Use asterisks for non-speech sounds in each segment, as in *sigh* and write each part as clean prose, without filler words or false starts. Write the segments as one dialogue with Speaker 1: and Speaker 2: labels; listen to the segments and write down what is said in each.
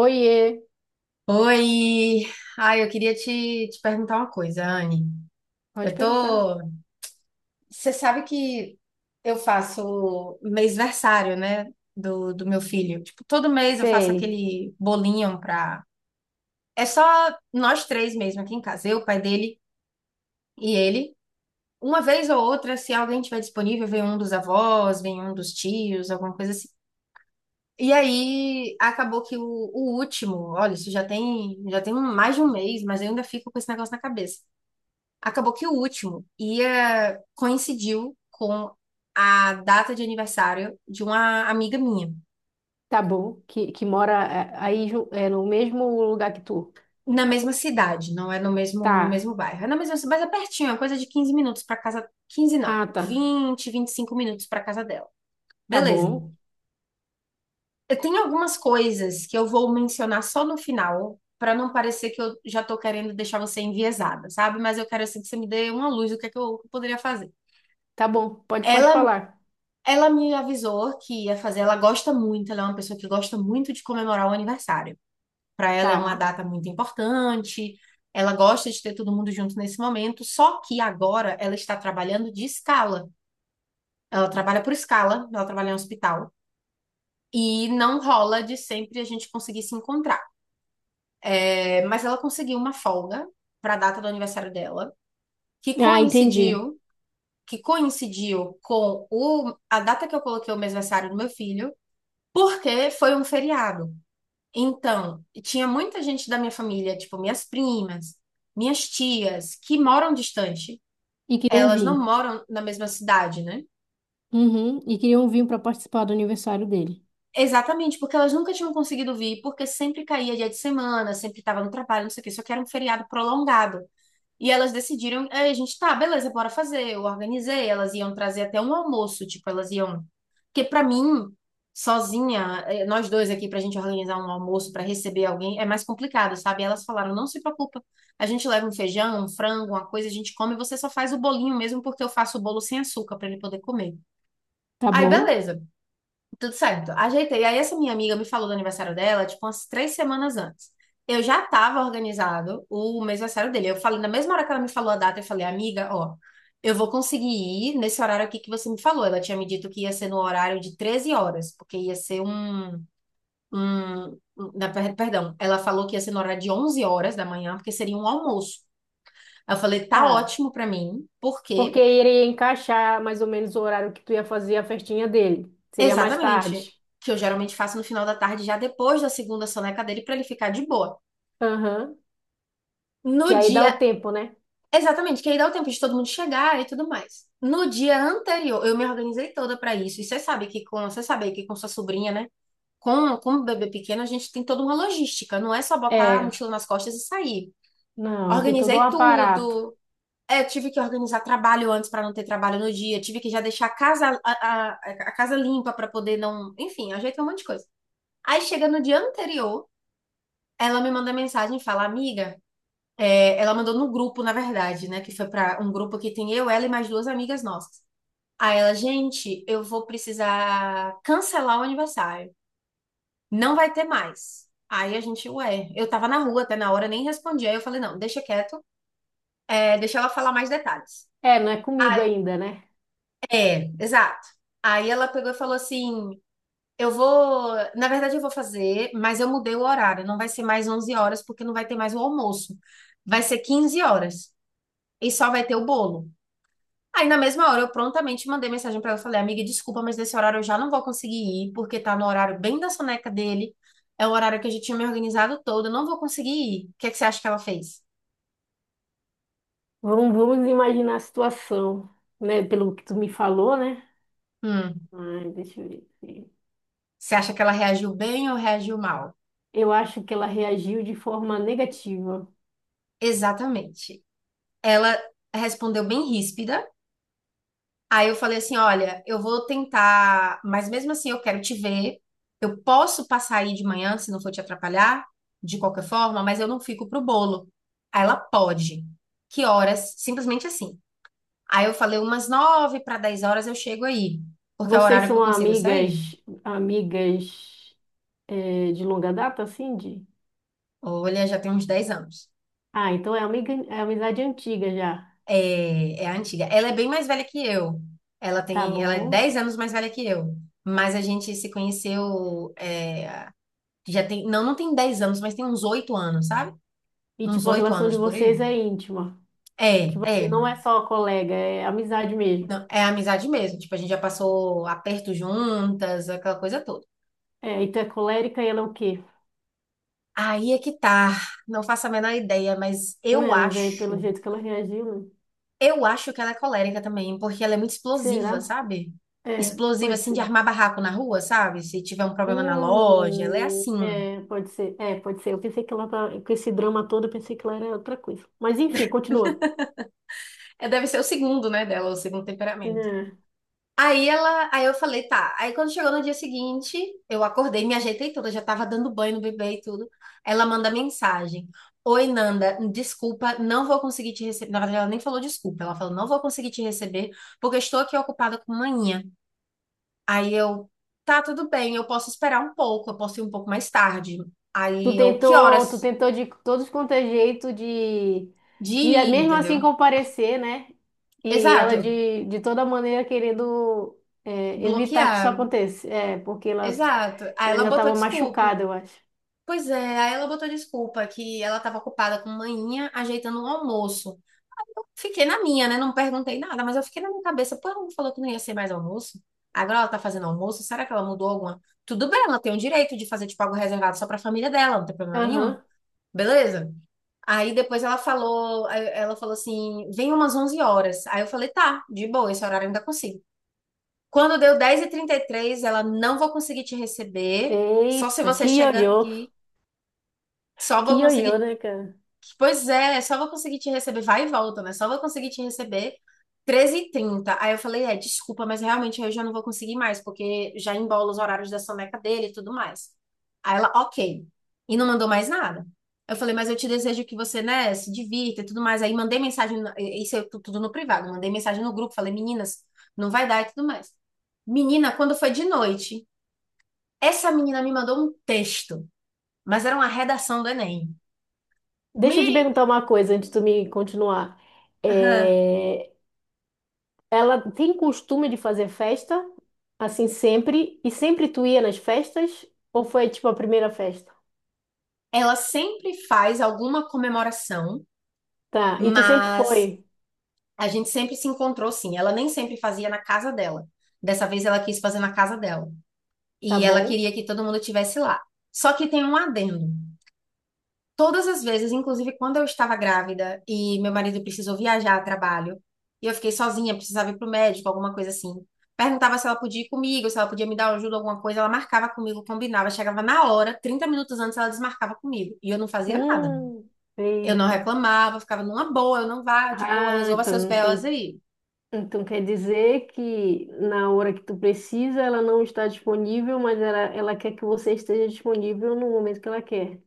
Speaker 1: Oiê,
Speaker 2: Oi! Ai, eu queria te perguntar uma coisa, Anne.
Speaker 1: pode
Speaker 2: Eu
Speaker 1: perguntar.
Speaker 2: tô. Você sabe que eu faço mêsversário, né? Do meu filho. Tipo, todo mês eu faço
Speaker 1: Sei.
Speaker 2: aquele bolinho pra. É só nós três mesmo aqui em casa, eu, o pai dele e ele. Uma vez ou outra, se alguém tiver disponível, vem um dos avós, vem um dos tios, alguma coisa assim. E aí acabou que o último, olha, isso já tem mais de um mês, mas eu ainda fico com esse negócio na cabeça. Acabou que o último ia coincidiu com a data de aniversário de uma amiga minha.
Speaker 1: Tá bom, que mora, aí no mesmo lugar que tu?
Speaker 2: Na mesma cidade, não é no mesmo, no
Speaker 1: Tá.
Speaker 2: mesmo bairro. É na mesma cidade, mas é pertinho, é coisa de 15 minutos para casa, 15 não,
Speaker 1: Ah, tá.
Speaker 2: vinte, 25 minutos para casa dela.
Speaker 1: Tá
Speaker 2: Beleza.
Speaker 1: bom.
Speaker 2: Eu tenho algumas coisas que eu vou mencionar só no final, para não parecer que eu já tô querendo deixar você enviesada, sabe? Mas eu quero assim que você me dê uma luz do que é que eu poderia fazer.
Speaker 1: Tá bom, pode
Speaker 2: Ela
Speaker 1: falar.
Speaker 2: Ela me avisou que ia fazer, ela gosta muito, ela é uma pessoa que gosta muito de comemorar o aniversário. Para ela é uma
Speaker 1: Tá.
Speaker 2: data muito importante, ela gosta de ter todo mundo junto nesse momento, só que agora ela está trabalhando de escala. Ela trabalha por escala, ela trabalha em hospital. E não rola de sempre a gente conseguir se encontrar. É, mas ela conseguiu uma folga para a data do aniversário dela, que
Speaker 1: Ah, entendi.
Speaker 2: coincidiu, que coincidiu com a data que eu coloquei o mêsversário do meu filho, porque foi um feriado. Então, tinha muita gente da minha família, tipo minhas primas, minhas tias, que moram distante.
Speaker 1: E queriam
Speaker 2: Elas não
Speaker 1: vir.
Speaker 2: moram na mesma cidade, né?
Speaker 1: Uhum, e queriam vir para participar do aniversário dele.
Speaker 2: Exatamente, porque elas nunca tinham conseguido vir, porque sempre caía dia de semana, sempre estava no trabalho, não sei o quê, só que era um feriado prolongado. E elas decidiram, é, a gente, tá, beleza, bora fazer. Eu organizei, elas iam trazer até um almoço, tipo, elas iam. Porque pra mim, sozinha, nós dois aqui pra gente organizar um almoço pra receber alguém é mais complicado, sabe? Elas falaram, não se preocupa, a gente leva um feijão, um frango, uma coisa, a gente come, você só faz o bolinho mesmo, porque eu faço o bolo sem açúcar pra ele poder comer.
Speaker 1: Tá
Speaker 2: Aí,
Speaker 1: bom?
Speaker 2: beleza. Tudo certo. Ajeitei. Aí essa minha amiga me falou do aniversário dela, tipo, umas 3 semanas antes. Eu já estava organizado o mês aniversário dele. Eu falei, na mesma hora que ela me falou a data, eu falei, amiga, ó, eu vou conseguir ir nesse horário aqui que você me falou. Ela tinha me dito que ia ser no horário de 13 horas, porque ia ser um, perdão, ela falou que ia ser no horário de 11 horas da manhã, porque seria um almoço. Aí eu falei, tá
Speaker 1: Tá.
Speaker 2: ótimo pra mim,
Speaker 1: Porque
Speaker 2: porque
Speaker 1: iria encaixar mais ou menos o horário que tu ia fazer a festinha dele. Seria mais
Speaker 2: exatamente
Speaker 1: tarde.
Speaker 2: que eu geralmente faço no final da tarde, já depois da segunda soneca dele, pra ele ficar de boa.
Speaker 1: Aham. Que
Speaker 2: No
Speaker 1: aí dá
Speaker 2: dia,
Speaker 1: o tempo, né?
Speaker 2: exatamente, que aí dá o tempo de todo mundo chegar e tudo mais. No dia anterior, eu me organizei toda pra isso. E você sabe que com sua sobrinha, né? Com o bebê pequeno, a gente tem toda uma logística, não é só botar a
Speaker 1: É.
Speaker 2: mochila nas costas e sair.
Speaker 1: Não, tem todo um
Speaker 2: Organizei
Speaker 1: aparato.
Speaker 2: tudo. É, tive que organizar trabalho antes para não ter trabalho no dia, tive que já deixar a casa, a casa limpa para poder não, enfim, ajeitei um monte de coisa. Aí chega no dia anterior, ela me manda mensagem e fala: "Amiga, é, ela mandou no grupo, na verdade, né? Que foi para um grupo que tem eu, ela e mais duas amigas nossas. Aí ela, gente, eu vou precisar cancelar o aniversário. Não vai ter mais. Aí a gente, ué, eu tava na rua até na hora, nem respondi. Aí eu falei, não, deixa quieto, é, deixa ela falar mais detalhes.
Speaker 1: É, não é comigo
Speaker 2: Aí-
Speaker 1: ainda, né?
Speaker 2: É, exato. Aí ela pegou e falou assim: eu vou, na verdade eu vou fazer, mas eu mudei o horário, não vai ser mais 11 horas, porque não vai ter mais o almoço. Vai ser 15 horas e só vai ter o bolo. Aí na mesma hora eu prontamente mandei mensagem pra ela, falei, amiga, desculpa, mas nesse horário eu já não vou conseguir ir, porque tá no horário bem da soneca dele, é o horário que a gente tinha me organizado todo, eu não vou conseguir ir. O que é que você acha que ela fez?
Speaker 1: Vamos imaginar a situação, né? Pelo que tu me falou, né?
Speaker 2: Hum.
Speaker 1: Ai, deixa eu ver aqui.
Speaker 2: Você acha que ela reagiu bem ou reagiu mal?
Speaker 1: Eu acho que ela reagiu de forma negativa.
Speaker 2: Exatamente. Ela respondeu bem ríspida. Aí eu falei assim: olha, eu vou tentar, mas mesmo assim eu quero te ver. Eu posso passar aí de manhã, se não for te atrapalhar, de qualquer forma, mas eu não fico pro bolo. Aí ela pode. Que horas? Simplesmente assim. Aí eu falei: umas nove para dez horas eu chego aí, porque é o
Speaker 1: Vocês
Speaker 2: horário que
Speaker 1: são
Speaker 2: eu consigo sair.
Speaker 1: amigas é, de longa data, assim, de?
Speaker 2: Olha, já tem uns 10 anos.
Speaker 1: Ah, então é amiga, é amizade antiga já,
Speaker 2: É, é a antiga. Ela é bem mais velha que eu. Ela
Speaker 1: tá
Speaker 2: tem, ela é
Speaker 1: bom?
Speaker 2: 10 anos mais velha que eu. Mas a gente se conheceu, é, já tem, não tem 10 anos, mas tem uns 8 anos, sabe?
Speaker 1: E
Speaker 2: Uns
Speaker 1: tipo, a
Speaker 2: 8
Speaker 1: relação
Speaker 2: anos
Speaker 1: de
Speaker 2: por aí.
Speaker 1: vocês é íntima, que
Speaker 2: É,
Speaker 1: você
Speaker 2: é.
Speaker 1: não é só colega, é amizade mesmo.
Speaker 2: Não, é amizade mesmo. Tipo, a gente já passou aperto juntas, aquela coisa toda.
Speaker 1: É, e tu é colérica e ela é o quê?
Speaker 2: Aí é que tá. Não faço a menor ideia, mas
Speaker 1: Não,
Speaker 2: eu
Speaker 1: mas aí pelo
Speaker 2: acho.
Speaker 1: jeito que ela reagiu, né?
Speaker 2: Eu acho que ela é colérica também, porque ela é muito
Speaker 1: Será?
Speaker 2: explosiva, sabe?
Speaker 1: É,
Speaker 2: Explosiva,
Speaker 1: pode
Speaker 2: assim, de
Speaker 1: ser.
Speaker 2: armar barraco na rua, sabe? Se tiver um problema na loja, ela é assim.
Speaker 1: É, pode ser. É, pode ser. Eu pensei que ela tá, com esse drama todo, eu pensei que ela era outra coisa. Mas enfim, continua.
Speaker 2: É, deve ser o segundo, né, dela, o segundo temperamento.
Speaker 1: É.
Speaker 2: Aí eu falei, tá. Aí quando chegou no dia seguinte, eu acordei, me ajeitei toda, já tava dando banho no bebê e tudo. Ela manda mensagem. Oi, Nanda, desculpa, não vou conseguir te receber. Na verdade, ela nem falou desculpa, ela falou, não vou conseguir te receber, porque estou aqui ocupada com manhã. Aí eu, tá, tudo bem, eu posso esperar um pouco, eu posso ir um pouco mais tarde.
Speaker 1: Tu
Speaker 2: Aí eu, que
Speaker 1: tentou, tu
Speaker 2: horas
Speaker 1: tentou de todos quanto é jeito
Speaker 2: de
Speaker 1: de
Speaker 2: ir,
Speaker 1: mesmo assim
Speaker 2: entendeu?
Speaker 1: comparecer, né? E ela
Speaker 2: Exato,
Speaker 1: de toda maneira querendo é, evitar que isso
Speaker 2: bloquear,
Speaker 1: aconteça. É, porque ela,
Speaker 2: exato. Aí
Speaker 1: ela
Speaker 2: ela
Speaker 1: ainda
Speaker 2: botou
Speaker 1: estava
Speaker 2: desculpa.
Speaker 1: machucada, eu acho.
Speaker 2: Pois é, aí ela botou desculpa que ela estava ocupada com manhinha ajeitando o almoço. Eu fiquei na minha, né? Não perguntei nada, mas eu fiquei na minha cabeça. Pô, ela não falou que não ia ser mais almoço? Agora ela tá fazendo almoço? Será que ela mudou alguma? Tudo bem, ela tem o direito de fazer tipo algo reservado só pra família dela, não tem problema nenhum.
Speaker 1: Aham.
Speaker 2: Beleza? Aí depois ela falou, aí ela falou assim: "Vem umas 11 horas". Aí eu falei: "Tá, de boa, esse horário eu ainda consigo". Quando deu 10:33 ela não vou conseguir te receber, só se
Speaker 1: Eita,
Speaker 2: você
Speaker 1: que
Speaker 2: chegar
Speaker 1: ioiô.
Speaker 2: aqui. Só
Speaker 1: Que
Speaker 2: vou
Speaker 1: ioiô,
Speaker 2: conseguir
Speaker 1: né, cara?
Speaker 2: Pois é, só vou conseguir te receber, vai e volta, né? Só vou conseguir te receber 13 e trinta. Aí eu falei, é, desculpa, mas realmente eu já não vou conseguir mais, porque já embola os horários da soneca dele e tudo mais. Aí ela, ok. E não mandou mais nada. Eu falei, mas eu te desejo que você, né, se divirta e tudo mais. Aí mandei mensagem, isso é tudo no privado, mandei mensagem no grupo, falei, meninas, não vai dar e tudo mais. Menina, quando foi de noite, essa menina me mandou um texto, mas era uma redação do Enem.
Speaker 1: Deixa eu te
Speaker 2: Me...
Speaker 1: perguntar uma coisa antes de tu me continuar.
Speaker 2: Aham.
Speaker 1: É, ela tem costume de fazer festa, assim sempre, e sempre tu ia nas festas? Ou foi tipo a primeira festa?
Speaker 2: Ela sempre faz alguma comemoração,
Speaker 1: Tá, e tu sempre
Speaker 2: mas
Speaker 1: foi?
Speaker 2: a gente sempre se encontrou sim. Ela nem sempre fazia na casa dela. Dessa vez ela quis fazer na casa dela.
Speaker 1: Tá
Speaker 2: E ela
Speaker 1: bom?
Speaker 2: queria que todo mundo estivesse lá. Só que tem um adendo. Todas as vezes, inclusive quando eu estava grávida e meu marido precisou viajar a trabalho, e eu fiquei sozinha, precisava ir para o médico, alguma coisa assim. Perguntava se ela podia ir comigo, se ela podia me dar ajuda, alguma coisa. Ela marcava comigo, combinava. Chegava na hora, 30 minutos antes, ela desmarcava comigo. E eu não fazia nada.
Speaker 1: Hum,
Speaker 2: Eu não
Speaker 1: eita.
Speaker 2: reclamava, ficava numa boa, eu não vá, de boa,
Speaker 1: Ah,
Speaker 2: resolva seus
Speaker 1: então,
Speaker 2: belas
Speaker 1: então,
Speaker 2: aí.
Speaker 1: então quer dizer que na hora que tu precisa ela não está disponível, mas ela quer que você esteja disponível no momento que ela quer.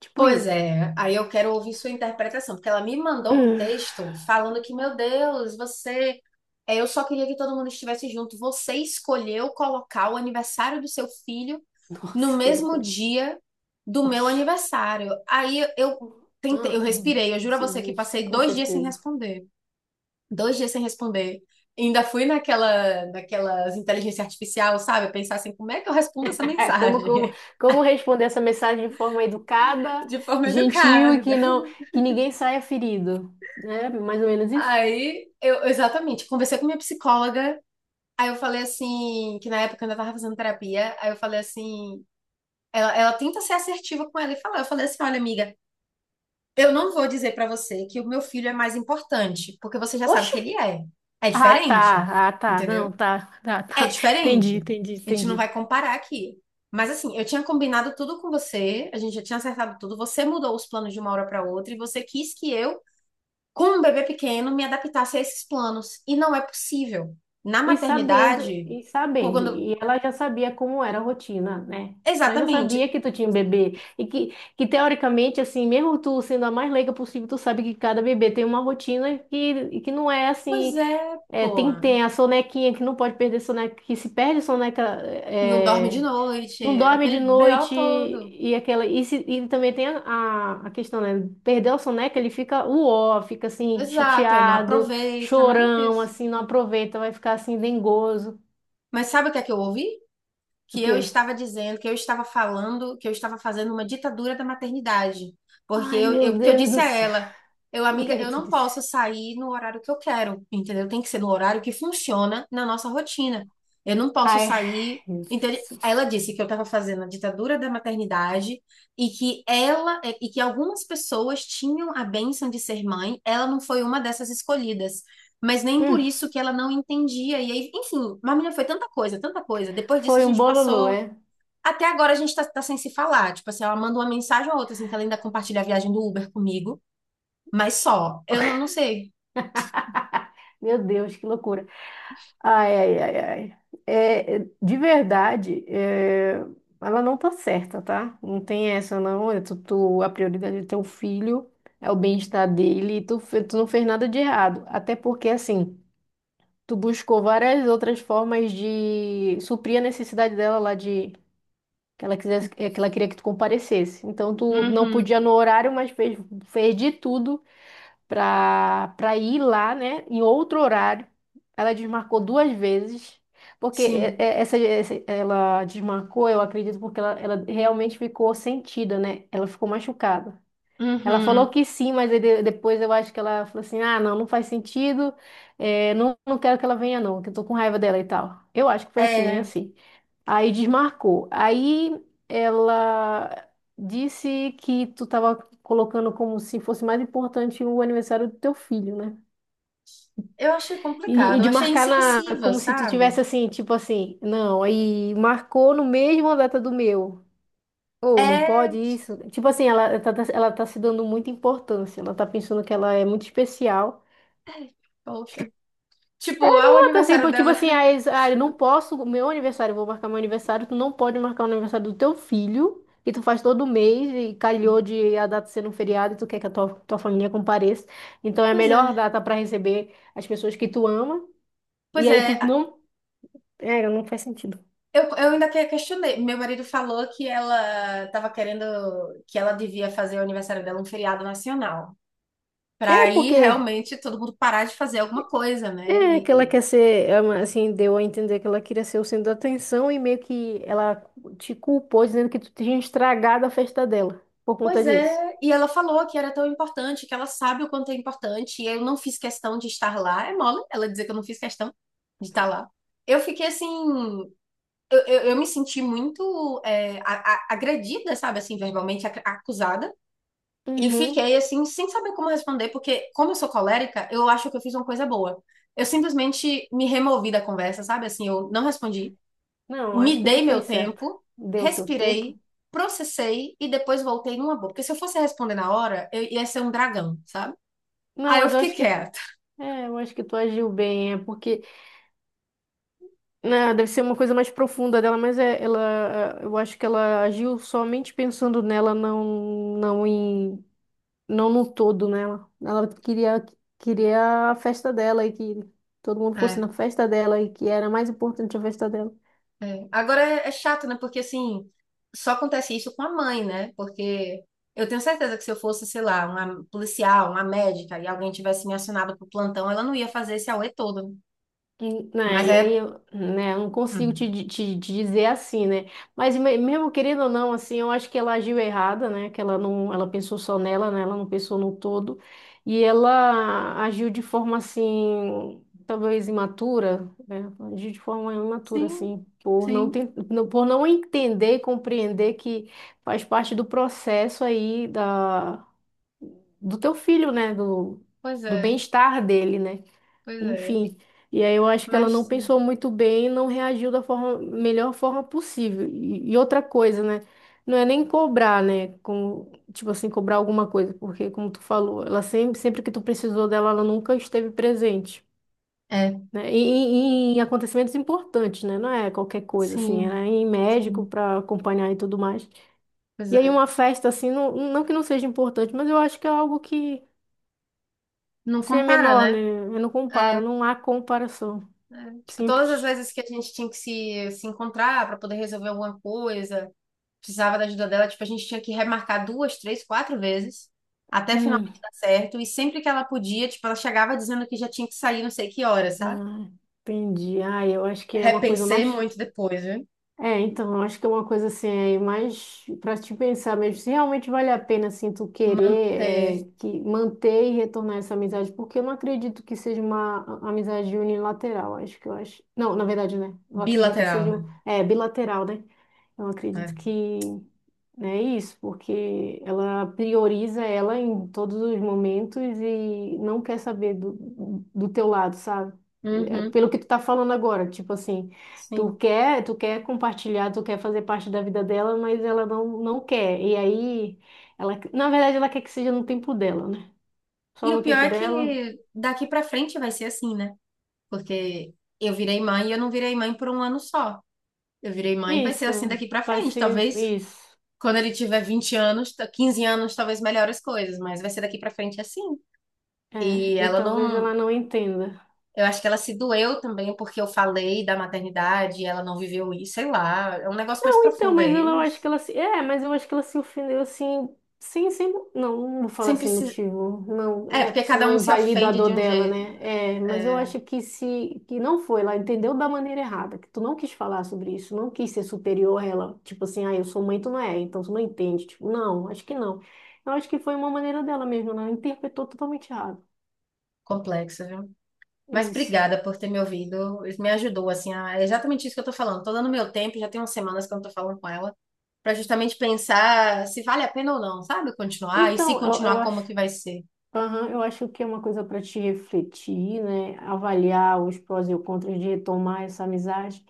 Speaker 1: Tipo
Speaker 2: Pois
Speaker 1: isso. *laughs*
Speaker 2: é, aí eu quero ouvir sua interpretação, porque ela me mandou um
Speaker 1: Hum.
Speaker 2: texto falando que, meu Deus, você. é, eu só queria que todo mundo estivesse junto. Você escolheu colocar o aniversário do seu filho no
Speaker 1: Nossa, que
Speaker 2: mesmo
Speaker 1: loucura.
Speaker 2: dia do meu
Speaker 1: Oxi.
Speaker 2: aniversário. Aí eu tentei, eu
Speaker 1: Ah, ah,
Speaker 2: respirei, eu juro a você que
Speaker 1: justa,
Speaker 2: passei
Speaker 1: com
Speaker 2: 2 dias sem
Speaker 1: certeza.
Speaker 2: responder. 2 dias sem responder. Ainda fui naquela, naquelas inteligência artificial, sabe? Pensar assim, como é que eu respondo essa
Speaker 1: *laughs* Como, como,
Speaker 2: mensagem?
Speaker 1: como responder essa mensagem de forma educada,
Speaker 2: *laughs* De forma
Speaker 1: gentil e
Speaker 2: educada.
Speaker 1: que não, que ninguém saia ferido, né? Mais ou menos isso.
Speaker 2: Aí, eu, exatamente, conversei com minha psicóloga. Aí eu falei assim, que na época eu ainda tava fazendo terapia. Aí eu falei assim, ela tenta ser assertiva com ela e falar. Eu falei assim, olha, amiga, eu não vou dizer pra você que o meu filho é mais importante, porque você já sabe
Speaker 1: Oxi!
Speaker 2: que ele é. É
Speaker 1: Ah,
Speaker 2: diferente,
Speaker 1: tá, ah, tá, não,
Speaker 2: entendeu?
Speaker 1: tá, tá,
Speaker 2: É
Speaker 1: tá. Entendi,
Speaker 2: diferente.
Speaker 1: entendi,
Speaker 2: A gente não
Speaker 1: entendi.
Speaker 2: vai comparar aqui. Mas assim, eu tinha combinado tudo com você, a gente já tinha acertado tudo, você mudou os planos de uma hora para outra e você quis que eu, como um bebê pequeno, me adaptasse a esses planos. E não é possível. Na
Speaker 1: E sabendo,
Speaker 2: maternidade,
Speaker 1: e sabendo,
Speaker 2: quando.
Speaker 1: e ela já sabia como era a rotina, né? Ela já sabia
Speaker 2: Exatamente.
Speaker 1: que tu tinha um bebê e que teoricamente, assim, mesmo tu sendo a mais leiga possível, tu sabe que cada bebê tem uma rotina que não é
Speaker 2: Pois
Speaker 1: assim.
Speaker 2: é,
Speaker 1: É,
Speaker 2: pô.
Speaker 1: tem a sonequinha que não pode perder soneca, que se perde soneca,
Speaker 2: Não dorme de
Speaker 1: é, não
Speaker 2: noite,
Speaker 1: dorme de
Speaker 2: aquele BO
Speaker 1: noite
Speaker 2: todo.
Speaker 1: e aquela e, se- e também tem a questão, né? Perdeu a soneca, ele fica uó, fica assim
Speaker 2: Exato, aí não
Speaker 1: chateado,
Speaker 2: aproveita, nada
Speaker 1: chorão,
Speaker 2: disso.
Speaker 1: assim, não aproveita, vai ficar assim dengoso.
Speaker 2: Mas sabe o que é que eu ouvi?
Speaker 1: O
Speaker 2: Que eu
Speaker 1: quê?
Speaker 2: estava dizendo, que eu estava falando, que eu estava fazendo uma ditadura da maternidade. Porque
Speaker 1: Ai,
Speaker 2: eu, eu,
Speaker 1: meu
Speaker 2: porque eu
Speaker 1: Deus
Speaker 2: disse
Speaker 1: do
Speaker 2: a
Speaker 1: céu.
Speaker 2: ela, eu,
Speaker 1: O que
Speaker 2: amiga,
Speaker 1: é que
Speaker 2: eu
Speaker 1: tu
Speaker 2: não
Speaker 1: disse?
Speaker 2: posso sair no horário que eu quero, entendeu? Tem que ser no horário que funciona na nossa rotina. Eu não posso
Speaker 1: Ai,
Speaker 2: sair.
Speaker 1: meu Deus
Speaker 2: Entende?
Speaker 1: do
Speaker 2: Ela
Speaker 1: céu.
Speaker 2: disse que eu estava fazendo a ditadura da maternidade e que ela e que algumas pessoas tinham a bênção de ser mãe, ela não foi uma dessas escolhidas, mas nem por
Speaker 1: Hum,
Speaker 2: isso que ela não entendia. E aí, enfim, mas menina, foi tanta coisa, tanta coisa. Depois disso, a
Speaker 1: foi um
Speaker 2: gente
Speaker 1: bololô,
Speaker 2: passou.
Speaker 1: é?
Speaker 2: Até agora a gente tá sem se falar. Tipo assim, ela manda uma mensagem ou outra, assim, que ela ainda compartilha a viagem do Uber comigo, mas só. Eu não sei.
Speaker 1: Meu Deus, que loucura. Ai, ai, ai, ai. É, é, de verdade, é, ela não tá certa, tá? Não tem essa, não. É tu, tu- a prioridade é teu filho, é o bem-estar dele, e tu, fe- tu não fez nada de errado. Até porque, assim, tu buscou várias outras formas de suprir a necessidade dela lá de que ela quisesse, é, que ela queria que tu comparecesse. Então, tu não
Speaker 2: Uhum,
Speaker 1: podia no horário, mas fez de tudo para para ir lá, né, em outro horário. Ela desmarcou duas vezes, porque é-
Speaker 2: sim.
Speaker 1: é- essa- ela desmarcou, eu acredito, porque ela realmente ficou sentida, né? Ela ficou machucada. Ela falou
Speaker 2: Uhum.
Speaker 1: que sim, mas aí de- depois eu acho que ela falou assim: ah, não, não faz sentido, é, não, não quero que ela venha, não, que eu tô com raiva dela e tal. Eu acho que foi assim, meio
Speaker 2: É,
Speaker 1: assim. Aí desmarcou. Aí ela disse que tu tava colocando como se fosse mais importante o aniversário do teu filho, né?
Speaker 2: eu achei
Speaker 1: E
Speaker 2: complicado, eu
Speaker 1: de
Speaker 2: achei
Speaker 1: marcar na,
Speaker 2: insensível,
Speaker 1: como se tu
Speaker 2: sabe?
Speaker 1: tivesse assim, tipo assim, não, aí marcou no mesmo a data do meu. Ou não pode
Speaker 2: É,
Speaker 1: isso? Tipo assim, ela tá se dando muita importância. Ela tá pensando que ela é muito especial.
Speaker 2: poxa. Tipo, ao
Speaker 1: Assim,
Speaker 2: aniversário
Speaker 1: pô, tipo
Speaker 2: dela.
Speaker 1: assim, aí
Speaker 2: *laughs*
Speaker 1: eles, ah, eu não posso, meu aniversário, eu vou marcar meu aniversário, tu não pode marcar o aniversário do teu filho, que tu faz todo mês, e calhou de a data ser um feriado, e tu quer que a tua família compareça. Então é a
Speaker 2: Pois é.
Speaker 1: melhor data para receber as pessoas que tu ama, e
Speaker 2: Pois
Speaker 1: aí
Speaker 2: é.
Speaker 1: tu não. É, não faz sentido.
Speaker 2: Eu ainda questionei. Meu marido falou que ela estava querendo que ela devia fazer o aniversário dela um feriado nacional.
Speaker 1: É
Speaker 2: Para aí
Speaker 1: porque.
Speaker 2: realmente todo mundo parar de fazer alguma coisa, né?
Speaker 1: É, que ela quer ser, é uma- assim, deu a entender que ela queria ser o centro da atenção e meio que ela te culpou dizendo que tu tinha estragado a festa dela por conta
Speaker 2: Pois
Speaker 1: disso.
Speaker 2: é. E ela falou que era tão importante, que ela sabe o quanto é importante. E eu não fiz questão de estar lá. É mole ela dizer que eu não fiz questão de estar lá. Eu fiquei assim. Eu me senti muito agredida, sabe? Assim, verbalmente acusada. E
Speaker 1: Uhum.
Speaker 2: fiquei assim, sem saber como responder, porque como eu sou colérica, eu acho que eu fiz uma coisa boa. Eu simplesmente me removi da conversa, sabe? Assim, eu não respondi,
Speaker 1: Não, acho
Speaker 2: me
Speaker 1: que tu
Speaker 2: dei
Speaker 1: fez
Speaker 2: meu
Speaker 1: certo.
Speaker 2: tempo,
Speaker 1: Deu o teu tempo.
Speaker 2: respirei, processei e depois voltei numa boa. Porque se eu fosse responder na hora, eu ia ser um dragão, sabe?
Speaker 1: Não,
Speaker 2: Aí eu
Speaker 1: mas eu
Speaker 2: fiquei
Speaker 1: acho que.
Speaker 2: quieta.
Speaker 1: É, eu acho que tu agiu bem. É porque. Né, deve ser uma coisa mais profunda dela, mas é, ela. É, eu acho que ela agiu somente pensando nela, não, não em. Não no todo nela. Ela queria, queria a festa dela e que todo mundo fosse
Speaker 2: É,
Speaker 1: na festa dela e que era mais importante a festa dela.
Speaker 2: é. Agora é chato, né? Porque assim, só acontece isso com a mãe, né? Porque eu tenho certeza que se eu fosse, sei lá, uma policial, uma médica e alguém tivesse me acionado pro plantão, ela não ia fazer esse auê todo, né?
Speaker 1: Hum. Né,
Speaker 2: Mas
Speaker 1: e
Speaker 2: é.
Speaker 1: aí eu, né, eu não consigo te,
Speaker 2: Hum,
Speaker 1: di- te dizer assim, né? Mas me- mesmo querendo ou não, assim, eu acho que ela agiu errada, né? Que ela não, ela pensou só nela, né? Ela não pensou no todo. E ela agiu de forma assim, talvez imatura, né? Agiu de forma imatura,
Speaker 2: sim,
Speaker 1: assim, por não
Speaker 2: sim.
Speaker 1: ten- não- por não entender e compreender que faz parte do processo aí da, do teu filho, né? Do,
Speaker 2: Pois
Speaker 1: do
Speaker 2: é,
Speaker 1: bem-estar dele, né?
Speaker 2: pois é.
Speaker 1: Enfim, e aí eu acho que ela não
Speaker 2: Mas sim.
Speaker 1: pensou muito bem e não reagiu da forma, melhor forma possível. E outra coisa, né? Não é nem cobrar, né? Com, tipo assim, cobrar alguma coisa, porque como tu falou, ela sempre que tu precisou dela, ela nunca esteve presente,
Speaker 2: É,
Speaker 1: né? E em acontecimentos importantes, né? Não é qualquer coisa, assim, é
Speaker 2: sim,
Speaker 1: em médico
Speaker 2: sim.
Speaker 1: para acompanhar e tudo mais.
Speaker 2: Pois
Speaker 1: E aí
Speaker 2: é.
Speaker 1: uma festa, assim, não, não que não seja importante, mas eu acho que é algo que,
Speaker 2: Não
Speaker 1: se é
Speaker 2: compara,
Speaker 1: menor, né?
Speaker 2: né?
Speaker 1: Não
Speaker 2: É,
Speaker 1: compara, não há comparação.
Speaker 2: é. Tipo, todas as
Speaker 1: Simples.
Speaker 2: vezes que a gente tinha que se encontrar para poder resolver alguma coisa, precisava da ajuda dela, tipo, a gente tinha que remarcar duas, três, quatro vezes. Até
Speaker 1: Hum,
Speaker 2: finalmente dar certo. E sempre que ela podia, tipo, ela chegava dizendo que já tinha que sair não sei que hora, sabe?
Speaker 1: ah, entendi. Ah, eu acho que é uma coisa
Speaker 2: Repensei
Speaker 1: mais.
Speaker 2: muito depois, viu?
Speaker 1: É, então, eu acho que é uma coisa assim, aí mais para te pensar mesmo, se realmente vale a pena, assim, tu querer
Speaker 2: Manter
Speaker 1: é, que manter e retornar essa amizade, porque eu não acredito que seja uma a- amizade unilateral, acho que eu acho. Não, na verdade, né? Eu acredito que
Speaker 2: bilateral,
Speaker 1: seja um-
Speaker 2: né?
Speaker 1: é, bilateral, né? Então, eu
Speaker 2: É.
Speaker 1: acredito que né, é isso, porque ela prioriza ela em todos os momentos e não quer saber do, do teu lado, sabe? É
Speaker 2: Uhum,
Speaker 1: pelo que tu tá falando agora, tipo assim, tu
Speaker 2: sim.
Speaker 1: quer, tu quer compartilhar, tu quer fazer parte da vida dela, mas ela não, não quer. E aí, ela, na verdade, ela quer que seja no tempo dela, né? Só
Speaker 2: E o
Speaker 1: no
Speaker 2: pior
Speaker 1: tempo
Speaker 2: é
Speaker 1: dela.
Speaker 2: que daqui pra frente vai ser assim, né? Porque eu virei mãe e eu não virei mãe por um ano só. Eu virei mãe e vai ser assim
Speaker 1: Isso,
Speaker 2: daqui pra
Speaker 1: vai
Speaker 2: frente.
Speaker 1: ser
Speaker 2: Talvez
Speaker 1: isso.
Speaker 2: quando ele tiver 20 anos, 15 anos, talvez melhore as coisas, mas vai ser daqui pra frente assim.
Speaker 1: É,
Speaker 2: E
Speaker 1: e
Speaker 2: ela
Speaker 1: talvez
Speaker 2: não.
Speaker 1: ela não entenda.
Speaker 2: Eu acho que ela se doeu também porque eu falei da maternidade e ela não viveu isso, sei lá. É um negócio mais
Speaker 1: Não, então,
Speaker 2: profundo
Speaker 1: mas
Speaker 2: aí,
Speaker 1: ela- eu acho que
Speaker 2: mas
Speaker 1: ela se. É, mas eu acho que ela se ofendeu assim, sem, sem. Não, não vou falar
Speaker 2: sempre
Speaker 1: sem
Speaker 2: se.
Speaker 1: motivo. Não,
Speaker 2: É,
Speaker 1: é
Speaker 2: porque
Speaker 1: que senão
Speaker 2: cada um
Speaker 1: eu
Speaker 2: se
Speaker 1: invalido a
Speaker 2: ofende
Speaker 1: dor
Speaker 2: de um
Speaker 1: dela,
Speaker 2: jeito
Speaker 1: né? É, mas eu
Speaker 2: é,
Speaker 1: acho que se que não foi, ela entendeu da maneira errada, que tu não quis falar sobre isso, não quis ser superior a ela. Tipo assim, ah, eu sou mãe, tu não é, então tu não entende. Tipo, não, acho que não. Eu acho que foi uma maneira dela mesmo, ela interpretou totalmente errado.
Speaker 2: complexo, viu?
Speaker 1: É
Speaker 2: Mas
Speaker 1: isso.
Speaker 2: obrigada por ter me ouvido. Isso me ajudou, assim, é exatamente isso que eu tô falando. Tô dando meu tempo, já tem umas semanas que eu não tô falando com ela, pra justamente pensar se vale a pena ou não, sabe? Continuar, e se
Speaker 1: Então, eu
Speaker 2: continuar,
Speaker 1: acho.
Speaker 2: como que vai ser.
Speaker 1: Aham, eu acho que é uma coisa para te refletir, né? Avaliar os prós e os contras de retomar essa amizade.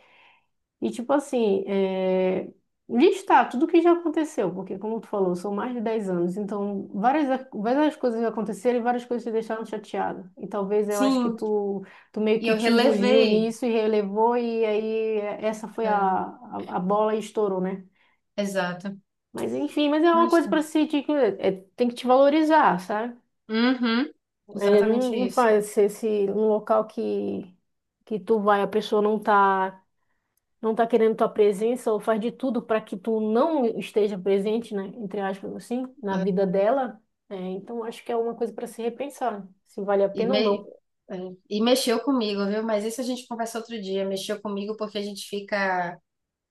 Speaker 1: E, tipo assim, é, listar tudo o que já aconteceu, porque, como tu falou, são mais de 10 anos, então várias coisas aconteceram e várias coisas te deixaram chateada. E talvez eu acho que
Speaker 2: Sim,
Speaker 1: tu, tu meio
Speaker 2: e
Speaker 1: que
Speaker 2: eu
Speaker 1: te engoliu
Speaker 2: relevei.
Speaker 1: nisso e relevou, e aí é, essa foi a,
Speaker 2: É,
Speaker 1: a, a bola e estourou, né?
Speaker 2: exato.
Speaker 1: Mas enfim, mas é uma
Speaker 2: Mas
Speaker 1: coisa
Speaker 2: tá.
Speaker 1: para se te- é, tem que te valorizar, sabe?
Speaker 2: Uhum,
Speaker 1: É,
Speaker 2: exatamente
Speaker 1: não, não
Speaker 2: isso.
Speaker 1: faz se num local que tu vai, a pessoa não tá, não tá querendo tua presença ou faz de tudo para que tu não esteja presente, né, entre aspas, assim, na
Speaker 2: É.
Speaker 1: vida dela. É, então acho que é uma coisa para se repensar, se vale a
Speaker 2: E,
Speaker 1: pena ou
Speaker 2: me-
Speaker 1: não.
Speaker 2: é, e mexeu comigo, viu? Mas isso a gente conversa outro dia. Mexeu comigo porque a gente fica.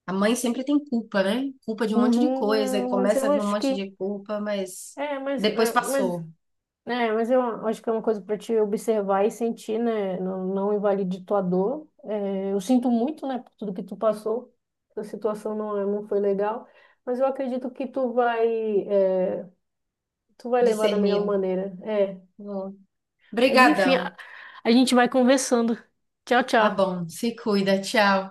Speaker 2: A mãe sempre tem culpa, né? Culpa de um monte de
Speaker 1: Uhum,
Speaker 2: coisa, e
Speaker 1: não, mas
Speaker 2: começa
Speaker 1: eu
Speaker 2: a vir um
Speaker 1: acho
Speaker 2: monte
Speaker 1: que
Speaker 2: de culpa, mas
Speaker 1: é, mas,
Speaker 2: depois
Speaker 1: é, mas
Speaker 2: passou,
Speaker 1: é, mas eu acho que é uma coisa para te observar e sentir, né? Não, não invalide tua dor. É, eu sinto muito, né, por tudo que tu passou. A situação não, é- não foi legal, mas eu acredito que tu vai, é, tu vai levar da melhor
Speaker 2: discerniram.
Speaker 1: maneira. É.
Speaker 2: Bom,
Speaker 1: Mas enfim, a
Speaker 2: brigadão.
Speaker 1: a gente vai conversando. Tchau,
Speaker 2: Tá
Speaker 1: tchau.
Speaker 2: bom, se cuida, tchau.